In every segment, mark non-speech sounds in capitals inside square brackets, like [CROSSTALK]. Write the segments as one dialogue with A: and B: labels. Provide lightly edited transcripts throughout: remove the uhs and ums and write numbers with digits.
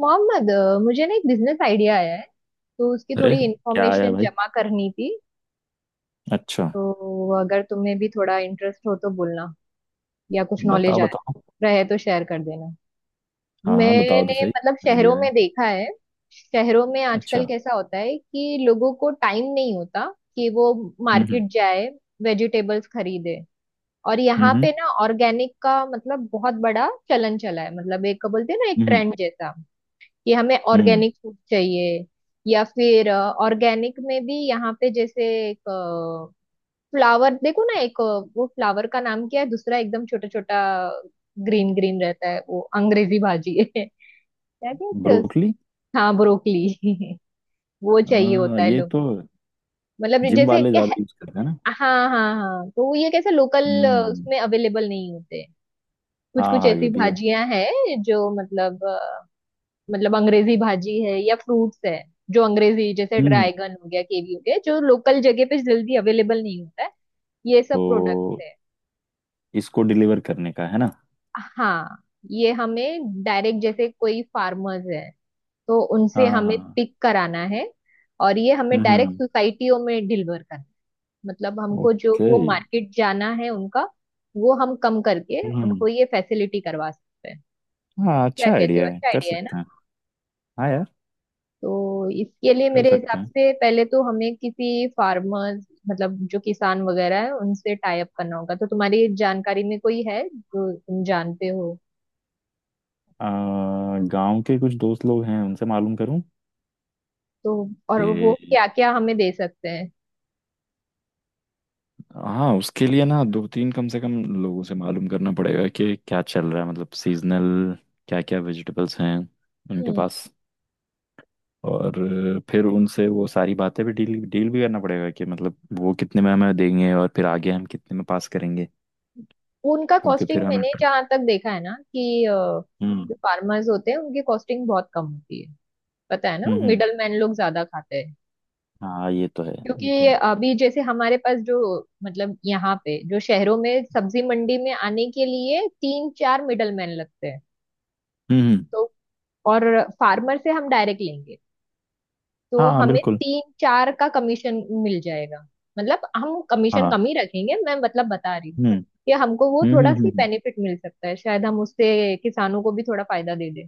A: मोहम्मद, मुझे ना एक बिजनेस आइडिया आया है। तो उसकी
B: अरे,
A: थोड़ी
B: क्या आया
A: इंफॉर्मेशन
B: भाई?
A: जमा करनी थी।
B: अच्छा,
A: तो अगर तुम्हें भी थोड़ा इंटरेस्ट हो तो बोलना, या कुछ नॉलेज
B: बताओ
A: आए
B: बताओ।
A: रहे तो शेयर कर देना।
B: हाँ हाँ, बताओ तो
A: मैंने
B: सही।
A: मतलब शहरों
B: आइडिया है?
A: में देखा है, शहरों में आजकल
B: अच्छा।
A: कैसा होता है कि लोगों को टाइम नहीं होता कि वो
B: हम्म।
A: मार्केट जाए, वेजिटेबल्स खरीदे। और
B: हम्म।
A: यहाँ
B: हम्म।
A: पे ना ऑर्गेनिक का मतलब बहुत बड़ा चलन चला है, मतलब एक बोलते हैं ना एक
B: हम्म।
A: ट्रेंड जैसा कि हमें
B: हम्म।
A: ऑर्गेनिक फूड चाहिए। या फिर ऑर्गेनिक में भी यहाँ पे जैसे एक फ्लावर देखो ना, वो फ्लावर का नाम क्या है, दूसरा एकदम छोटा छोटा ग्रीन ग्रीन रहता है, वो अंग्रेजी भाजी है [LAUGHS] क्या कहते हैं
B: ब्रोकली।
A: हाँ ब्रोकली [LAUGHS] वो चाहिए होता है
B: ये
A: लोग,
B: तो
A: मतलब
B: जिम
A: जैसे
B: वाले
A: कि
B: ज्यादा यूज करते हैं ना।
A: हाँ हाँ हाँ। तो वो ये कैसे लोकल
B: हम्म।
A: उसमें अवेलेबल नहीं होते। कुछ
B: हाँ
A: कुछ
B: हाँ, ये
A: ऐसी
B: भी है।
A: भाजियां हैं जो मतलब, अंग्रेजी भाजी है या फ्रूट्स है, जो अंग्रेजी जैसे
B: हम्म।
A: ड्रैगन हो गया, कीवी हो गया, जो लोकल जगह पे जल्दी अवेलेबल नहीं होता है। ये सब प्रोडक्ट्स
B: तो
A: है।
B: इसको डिलीवर करने का है ना?
A: हाँ, ये हमें डायरेक्ट जैसे कोई फार्मर्स है तो उनसे
B: हाँ हाँ
A: हमें
B: हाँ।
A: पिक कराना है, और ये हमें डायरेक्ट
B: हम्म।
A: सोसाइटियों में डिलीवर करना है। मतलब हमको जो
B: ओके।
A: वो मार्केट जाना है उनका, वो हम कम करके
B: हम्म।
A: उनको ये फैसिलिटी करवा सकते हैं।
B: हाँ,
A: क्या
B: अच्छा
A: कहते हो,
B: आइडिया है,
A: अच्छा
B: कर
A: आइडिया है?
B: सकते हैं। हाँ यार,
A: तो इसके लिए
B: कर
A: मेरे हिसाब
B: सकते हैं।
A: से पहले तो हमें किसी फार्मर मतलब जो किसान वगैरह है उनसे टाई अप करना होगा। तो तुम्हारी जानकारी में कोई है जो तुम जानते हो?
B: गांव के कुछ दोस्त लोग हैं, उनसे मालूम करूं
A: तो और वो
B: कि।
A: क्या क्या हमें दे सकते हैं?
B: हाँ, उसके लिए ना दो तीन कम से कम लोगों से मालूम करना पड़ेगा कि क्या चल रहा है, मतलब सीजनल क्या क्या वेजिटेबल्स हैं उनके
A: हम्म।
B: पास। और फिर उनसे वो सारी बातें भी डील डील भी करना पड़ेगा कि मतलब वो कितने में हमें देंगे और फिर आगे हम कितने में पास करेंगे,
A: उनका
B: क्योंकि फिर
A: कॉस्टिंग
B: हमें।
A: मैंने जहाँ तक देखा है ना कि
B: हम्म
A: जो फार्मर्स होते हैं उनकी कॉस्टिंग बहुत कम होती है। पता है ना,
B: हम्म हम्म,
A: मिडल मैन लोग ज्यादा खाते हैं।
B: हाँ ये तो है।
A: क्योंकि
B: ये तो है।
A: अभी जैसे हमारे पास जो मतलब यहाँ पे जो शहरों में सब्जी मंडी में आने के लिए तीन चार मिडल मैन लगते हैं।
B: हम्म हम्म,
A: तो और फार्मर से हम डायरेक्ट लेंगे तो
B: हाँ
A: हमें
B: बिल्कुल।
A: तीन चार का कमीशन मिल जाएगा। मतलब हम कमीशन
B: हाँ।
A: कम ही रखेंगे, मैं मतलब बता रही हूँ
B: हम्म
A: कि हमको वो
B: हम्म हम्म
A: थोड़ा
B: हम्म,
A: सी
B: हम्म।
A: बेनिफिट मिल सकता है, शायद हम उससे किसानों को भी थोड़ा फायदा दे दें।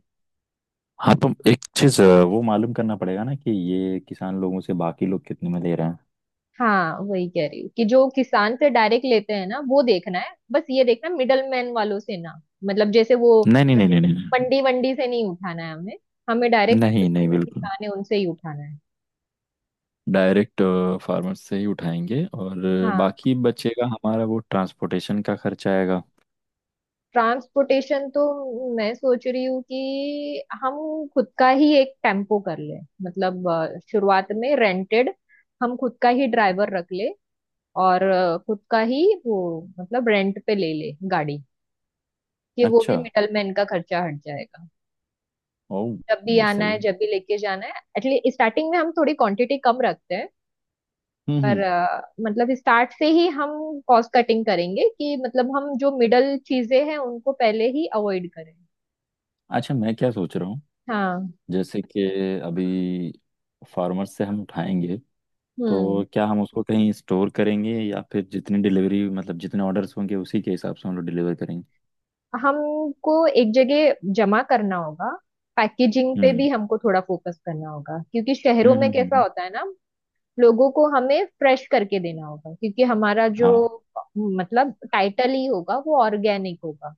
B: हाँ, तो एक चीज वो मालूम करना पड़ेगा ना कि ये किसान लोगों से बाकी लोग कितने में ले रहे हैं।
A: हाँ, वही कह रही हूँ कि जो किसान से डायरेक्ट लेते हैं ना, वो देखना है, बस ये देखना मिडल मैन वालों से ना, मतलब जैसे वो
B: नहीं नहीं नहीं नहीं नहीं।
A: मंडी वंडी से नहीं उठाना है हमें, हमें डायरेक्ट
B: नहीं नहीं, बिल्कुल
A: किसान है उनसे ही उठाना है।
B: डायरेक्ट फार्मर से ही उठाएंगे और
A: हाँ।
B: बाकी बचेगा हमारा वो ट्रांसपोर्टेशन का खर्चा आएगा।
A: ट्रांसपोर्टेशन तो मैं सोच रही हूँ कि हम खुद का ही एक टेम्पो कर लें, मतलब शुरुआत में रेंटेड, हम खुद का ही ड्राइवर रख ले, और खुद का ही वो मतलब रेंट पे ले ले गाड़ी, कि वो भी
B: अच्छा।
A: मिडलमैन का खर्चा हट जाएगा।
B: ओह।
A: जब भी
B: ये
A: आना
B: सही
A: है
B: है।
A: जब भी लेके जाना है, एटलीस्ट स्टार्टिंग में हम थोड़ी क्वांटिटी कम रखते हैं। पर
B: हम्म।
A: मतलब स्टार्ट से ही हम कॉस्ट कटिंग करेंगे कि मतलब हम जो मिडल चीजें हैं उनको पहले ही अवॉइड करें।
B: अच्छा, मैं क्या सोच रहा हूँ,
A: हाँ।
B: जैसे कि अभी फार्मर से हम उठाएंगे
A: हम्म।
B: तो क्या हम उसको कहीं स्टोर करेंगे या फिर जितनी डिलीवरी मतलब जितने ऑर्डर्स होंगे उसी के हिसाब से हम लोग डिलीवर करेंगे?
A: हमको एक जगह जमा करना होगा। पैकेजिंग पे भी
B: हम्म
A: हमको थोड़ा फोकस करना होगा, क्योंकि शहरों
B: हम्म
A: में
B: हम्म हम्म,
A: कैसा
B: हम्म।
A: होता है ना, लोगों को हमें फ्रेश करके देना होगा, क्योंकि हमारा जो
B: हाँ।
A: मतलब टाइटल ही होगा वो ऑर्गेनिक होगा,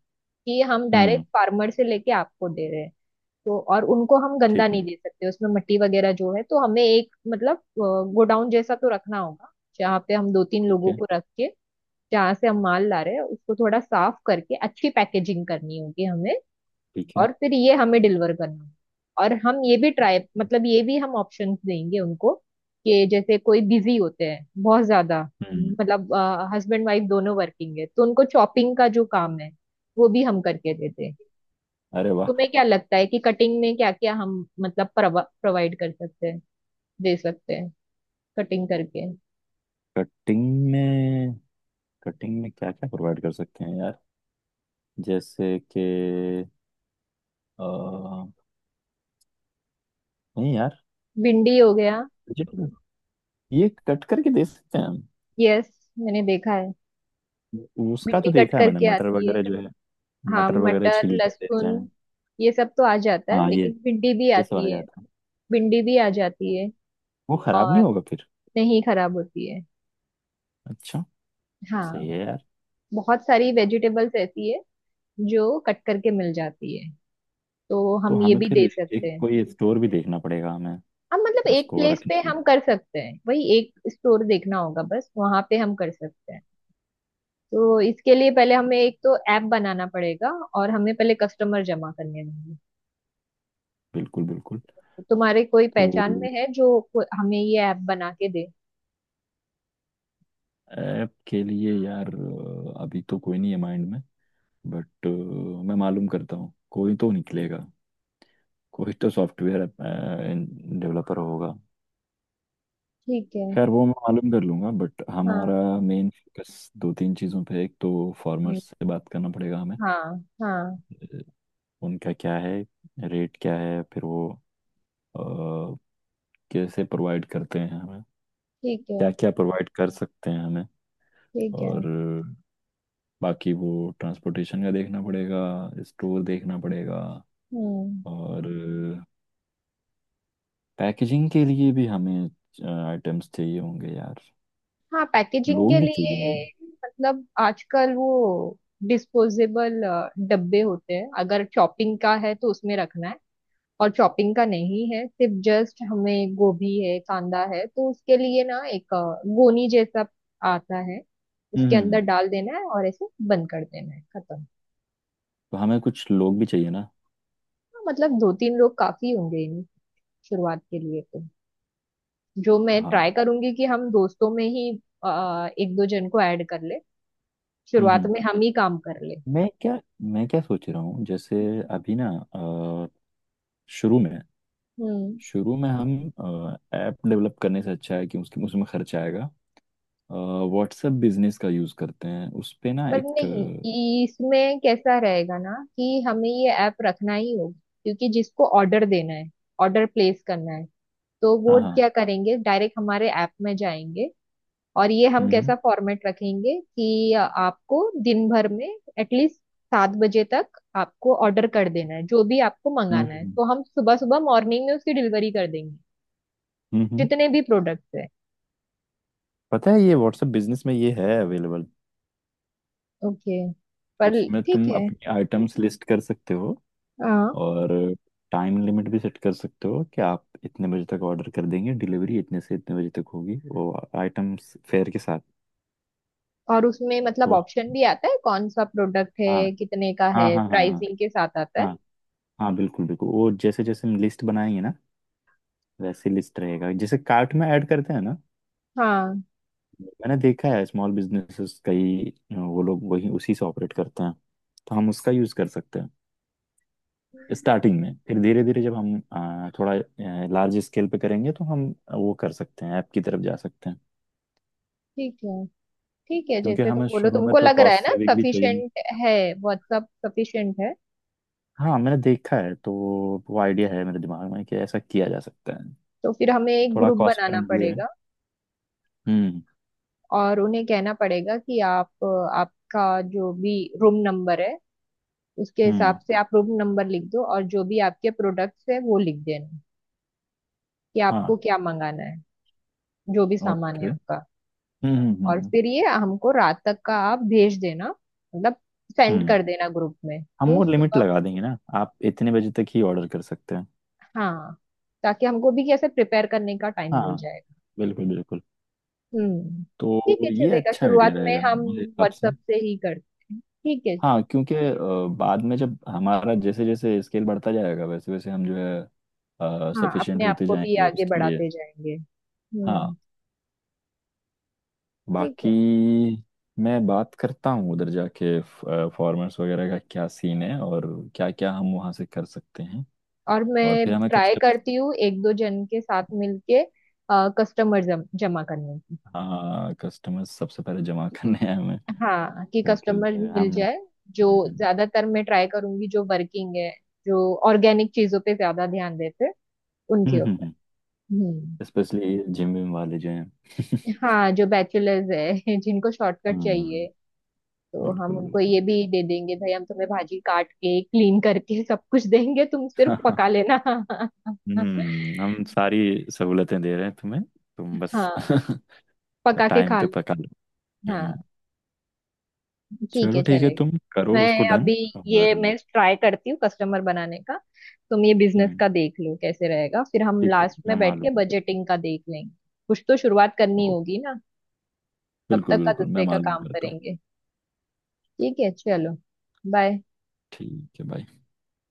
A: कि हम
B: हम्म।
A: डायरेक्ट फार्मर से लेके आपको दे रहे हैं। तो और उनको हम गंदा
B: ठीक है।
A: नहीं दे सकते, उसमें मट्टी वगैरह जो है, तो हमें एक मतलब गोडाउन जैसा तो रखना होगा, जहाँ पे हम दो तीन
B: ठीक
A: लोगों
B: है।
A: को रख के, जहाँ से हम माल ला रहे हैं उसको थोड़ा साफ करके अच्छी पैकेजिंग करनी होगी हमें,
B: ठीक है।
A: और फिर ये हमें डिलीवर करना होगा। और हम ये भी ट्राई मतलब ये भी हम ऑप्शंस देंगे उनको, कि जैसे कोई बिजी होते हैं बहुत ज्यादा,
B: हम्म।
A: मतलब हस्बैंड वाइफ दोनों वर्किंग है, तो उनको चॉपिंग का जो काम है वो भी हम करके देते हैं।
B: अरे वाह।
A: तुम्हें क्या लगता है कि कटिंग में क्या क्या हम मतलब प्रोवाइड कर सकते हैं, दे सकते हैं कटिंग करके?
B: कटिंग में। कटिंग में क्या क्या प्रोवाइड कर सकते हैं यार? जैसे कि अ, नहीं यार,
A: भिंडी हो गया,
B: वेजिटेबल ये कट करके दे सकते हैं हम।
A: यस मैंने देखा है,
B: उसका तो
A: भिंडी कट
B: देखा है मैंने,
A: करके
B: मटर
A: आती है।
B: वगैरह जो है।
A: हाँ,
B: मटर वगैरह
A: मटर
B: छील कर देते
A: लहसुन
B: हैं।
A: ये सब तो आ जाता है,
B: हाँ,
A: लेकिन भिंडी भी
B: ये सब आ
A: आती है,
B: जाता है।
A: भिंडी भी आ जाती है।
B: वो खराब
A: और
B: नहीं होगा फिर?
A: नहीं खराब होती है।
B: अच्छा।
A: हाँ।
B: सही है यार।
A: बहुत सारी वेजिटेबल्स ऐसी है जो कट करके मिल जाती है, तो
B: तो
A: हम ये
B: हमें
A: भी
B: फिर
A: दे
B: एक
A: सकते हैं।
B: कोई स्टोर भी देखना पड़ेगा हमें,
A: हम मतलब एक
B: उसको
A: प्लेस
B: रखने
A: पे
B: के
A: हम
B: लिए।
A: कर सकते हैं, वही एक स्टोर देखना होगा, बस वहां पे हम कर सकते हैं। तो इसके लिए पहले हमें एक तो ऐप बनाना पड़ेगा, और हमें पहले कस्टमर जमा करने होंगे।
B: बिल्कुल बिल्कुल।
A: तो तुम्हारे कोई
B: तो
A: पहचान में है जो हमें ये ऐप बना के दे?
B: ऐप के लिए यार अभी तो कोई नहीं है माइंड में। बट मैं मालूम करता हूँ, कोई तो निकलेगा। कोई तो सॉफ्टवेयर डेवलपर होगा।
A: ठीक है।
B: खैर वो मैं मालूम कर लूंगा, बट हमारा
A: हाँ।
B: मेन फोकस दो तीन चीज़ों पे। एक तो
A: हम्म,
B: फार्मर्स से बात करना पड़ेगा हमें,
A: हाँ हाँ।
B: अ, उनका क्या है, रेट क्या है, फिर वो अ, कैसे प्रोवाइड करते हैं हमें,
A: ठीक है।
B: क्या क्या प्रोवाइड कर सकते हैं हमें।
A: ठीक है।
B: और बाकी वो ट्रांसपोर्टेशन का देखना पड़ेगा, स्टोर देखना पड़ेगा।
A: हम्म।
B: और पैकेजिंग के लिए भी हमें आइटम्स चाहिए होंगे यार,
A: हाँ, पैकेजिंग के
B: लोग भी चाहिए होंगे।
A: लिए मतलब आजकल वो डिस्पोजेबल डब्बे होते हैं, अगर चॉपिंग का है तो उसमें रखना है, और चॉपिंग का नहीं है, सिर्फ जस्ट हमें गोभी है कांदा है, तो उसके लिए ना एक गोनी जैसा आता है, उसके अंदर
B: हम्म।
A: डाल देना है और ऐसे बंद कर देना है, खत्म।
B: तो हमें कुछ लोग भी चाहिए ना?
A: हाँ, मतलब दो तीन लोग काफी होंगे इन शुरुआत के लिए तो। जो मैं ट्राई
B: हाँ।
A: करूंगी कि हम दोस्तों में ही एक दो जन को ऐड कर ले,
B: हम्म
A: शुरुआत
B: हम्म।
A: में हम ही काम कर ले।
B: मैं क्या मैं क्या सोच रहा हूँ, जैसे अभी ना अ, शुरू में
A: हम्म।
B: शुरू में हम ऐप डेवलप करने से अच्छा है कि उसके उसमें खर्च आएगा। व्हाट्सएप बिजनेस का यूज़ करते हैं उस पे ना
A: पर
B: एक
A: नहीं, इसमें कैसा रहेगा ना कि हमें ये ऐप रखना ही होगा, क्योंकि जिसको ऑर्डर देना है, ऑर्डर प्लेस करना है, तो वो
B: हाँ हाँ।
A: क्या करेंगे, डायरेक्ट हमारे ऐप में जाएंगे। और ये हम
B: हम्म
A: कैसा फॉर्मेट रखेंगे कि आपको दिन भर में एटलीस्ट 7 बजे तक आपको ऑर्डर कर देना है, जो भी आपको
B: हम्म
A: मंगाना है,
B: हम्म
A: तो हम सुबह सुबह मॉर्निंग में उसकी डिलीवरी कर देंगे,
B: हम्म, हम्म।
A: जितने भी प्रोडक्ट्स हैं।
B: पता है, ये व्हाट्सएप बिजनेस में ये है अवेलेबल।
A: ओके। पर
B: उसमें
A: ठीक
B: तुम
A: है।
B: अपनी आइटम्स लिस्ट कर सकते हो।
A: हाँ,
B: और टाइम लिमिट भी सेट कर सकते हो कि आप इतने बजे तक ऑर्डर कर देंगे, डिलीवरी इतने से इतने बजे तक होगी, वो आइटम्स फेयर के साथ।
A: और उसमें मतलब
B: तो
A: ऑप्शन भी आता है कौन सा प्रोडक्ट
B: हाँ
A: है, कितने का है,
B: हाँ हाँ हाँ। हाँ
A: प्राइसिंग के साथ आता है।
B: हाँ। हाँ बिल्कुल बिल्कुल, वो जैसे जैसे हम लिस्ट बनाएंगे ना वैसे लिस्ट रहेगा, जैसे कार्ट में ऐड करते हैं ना।
A: हाँ।
B: मैंने देखा है स्मॉल बिजनेसेस कई, वो लोग वही उसी से ऑपरेट करते हैं। तो हम उसका यूज कर सकते हैं
A: हम्म,
B: स्टार्टिंग में। फिर धीरे धीरे जब हम थोड़ा लार्ज स्केल पे करेंगे तो हम वो कर सकते हैं, ऐप की तरफ जा सकते हैं।
A: ठीक है। ठीक है,
B: क्योंकि
A: जैसे तुम
B: हमें
A: बोलो,
B: शुरू में
A: तुमको
B: तो
A: लग रहा है
B: कॉस्ट
A: ना
B: सेविंग भी चाहिए।
A: सफिशिएंट है? व्हाट्सअप सफिशिएंट है?
B: हाँ मैंने देखा है, तो वो आइडिया है मेरे दिमाग में कि ऐसा किया जा सकता है।
A: तो फिर हमें एक
B: थोड़ा
A: ग्रुप
B: कॉस्ट
A: बनाना
B: फ्रेंडली है।
A: पड़ेगा,
B: हम्म
A: और उन्हें कहना पड़ेगा कि आप आपका जो भी रूम नंबर है, उसके
B: हम्म।
A: हिसाब से आप रूम नंबर लिख दो, और जो भी आपके प्रोडक्ट्स है वो लिख देना, कि आपको
B: हाँ।
A: क्या मंगाना है, जो भी सामान
B: ओके।
A: है आपका। और
B: हम्म,
A: फिर ये हमको रात तक का आप भेज देना, मतलब सेंड
B: हम्म।
A: कर देना ग्रुप में,
B: हम
A: तो
B: वो लिमिट
A: सुबह।
B: लगा देंगे ना, आप इतने बजे तक ही ऑर्डर कर सकते हैं।
A: हाँ, ताकि हमको भी कैसे प्रिपेयर करने का टाइम मिल
B: हाँ
A: जाएगा।
B: बिल्कुल बिल्कुल।
A: हम्म। ठीक
B: तो
A: है,
B: ये
A: चलेगा।
B: अच्छा आइडिया
A: शुरुआत में
B: रहेगा
A: हम
B: मेरे हिसाब से।
A: व्हाट्सएप से ही करते हैं, ठीक है।
B: हाँ, क्योंकि बाद में जब हमारा जैसे जैसे स्केल बढ़ता जाएगा वैसे वैसे हम जो है
A: हाँ, अपने
B: सफिशिएंट
A: आप
B: होते
A: को भी
B: जाएंगे
A: आगे
B: उसके लिए।
A: बढ़ाते जाएंगे।
B: हाँ।
A: हम्म। ठीक है।
B: बाकी मैं बात करता हूँ उधर जाके, फॉर्मर्स वगैरह का क्या सीन है और क्या क्या हम वहाँ से कर सकते हैं।
A: और
B: और
A: मैं
B: फिर हमें
A: ट्राई
B: कस्टमर।
A: करती हूँ एक दो जन के साथ मिलके कस्टमर जमा करने की।
B: हाँ, कस्टमर्स सबसे पहले जमा [LAUGHS] करने हैं हमें।
A: हाँ, कि
B: क्योंकि
A: कस्टमर मिल
B: हम।
A: जाए, जो ज्यादातर मैं ट्राई करूंगी जो वर्किंग है, जो ऑर्गेनिक चीजों पे ज्यादा ध्यान देते हैं, उनके ऊपर। हम्म।
B: स्पेशली जिम विम वाले जो हैं। [LAUGHS]
A: हाँ, जो बैचलर्स है [LAUGHS] जिनको शॉर्टकट
B: हम्म।
A: चाहिए, तो हम
B: बिल्कुल
A: उनको
B: बिल्कुल।
A: ये भी दे देंगे, भाई हम तुम्हें भाजी काट के क्लीन करके सब कुछ देंगे, तुम सिर्फ पका
B: [LAUGHS]
A: लेना [LAUGHS]
B: हम्म, हम सारी सहूलतें दे रहे हैं तुम्हें, तुम बस
A: हाँ,
B: [LAUGHS]
A: पका के
B: टाइम
A: खा
B: पे
A: लो।
B: पका लो। हम्म।
A: हाँ, ठीक
B: चलो
A: है,
B: ठीक है,
A: चलेगा।
B: तुम करो उसको
A: मैं
B: डन।
A: अभी ये
B: और
A: मैं ट्राई करती हूँ कस्टमर बनाने का, तुम ये बिजनेस
B: हम्म।
A: का देख लो कैसे रहेगा, फिर हम
B: ठीक है,
A: लास्ट
B: मैं
A: में बैठ
B: मालूम
A: के
B: करता
A: बजटिंग का देख लेंगे। कुछ तो शुरुआत करनी
B: हूँ।
A: होगी ना। तब
B: बिल्कुल
A: तक का
B: बिल्कुल, मैं
A: दूसरे का
B: मालूम
A: काम
B: करता हूँ।
A: करेंगे। ठीक है, चलो। बाय।
B: ठीक है भाई।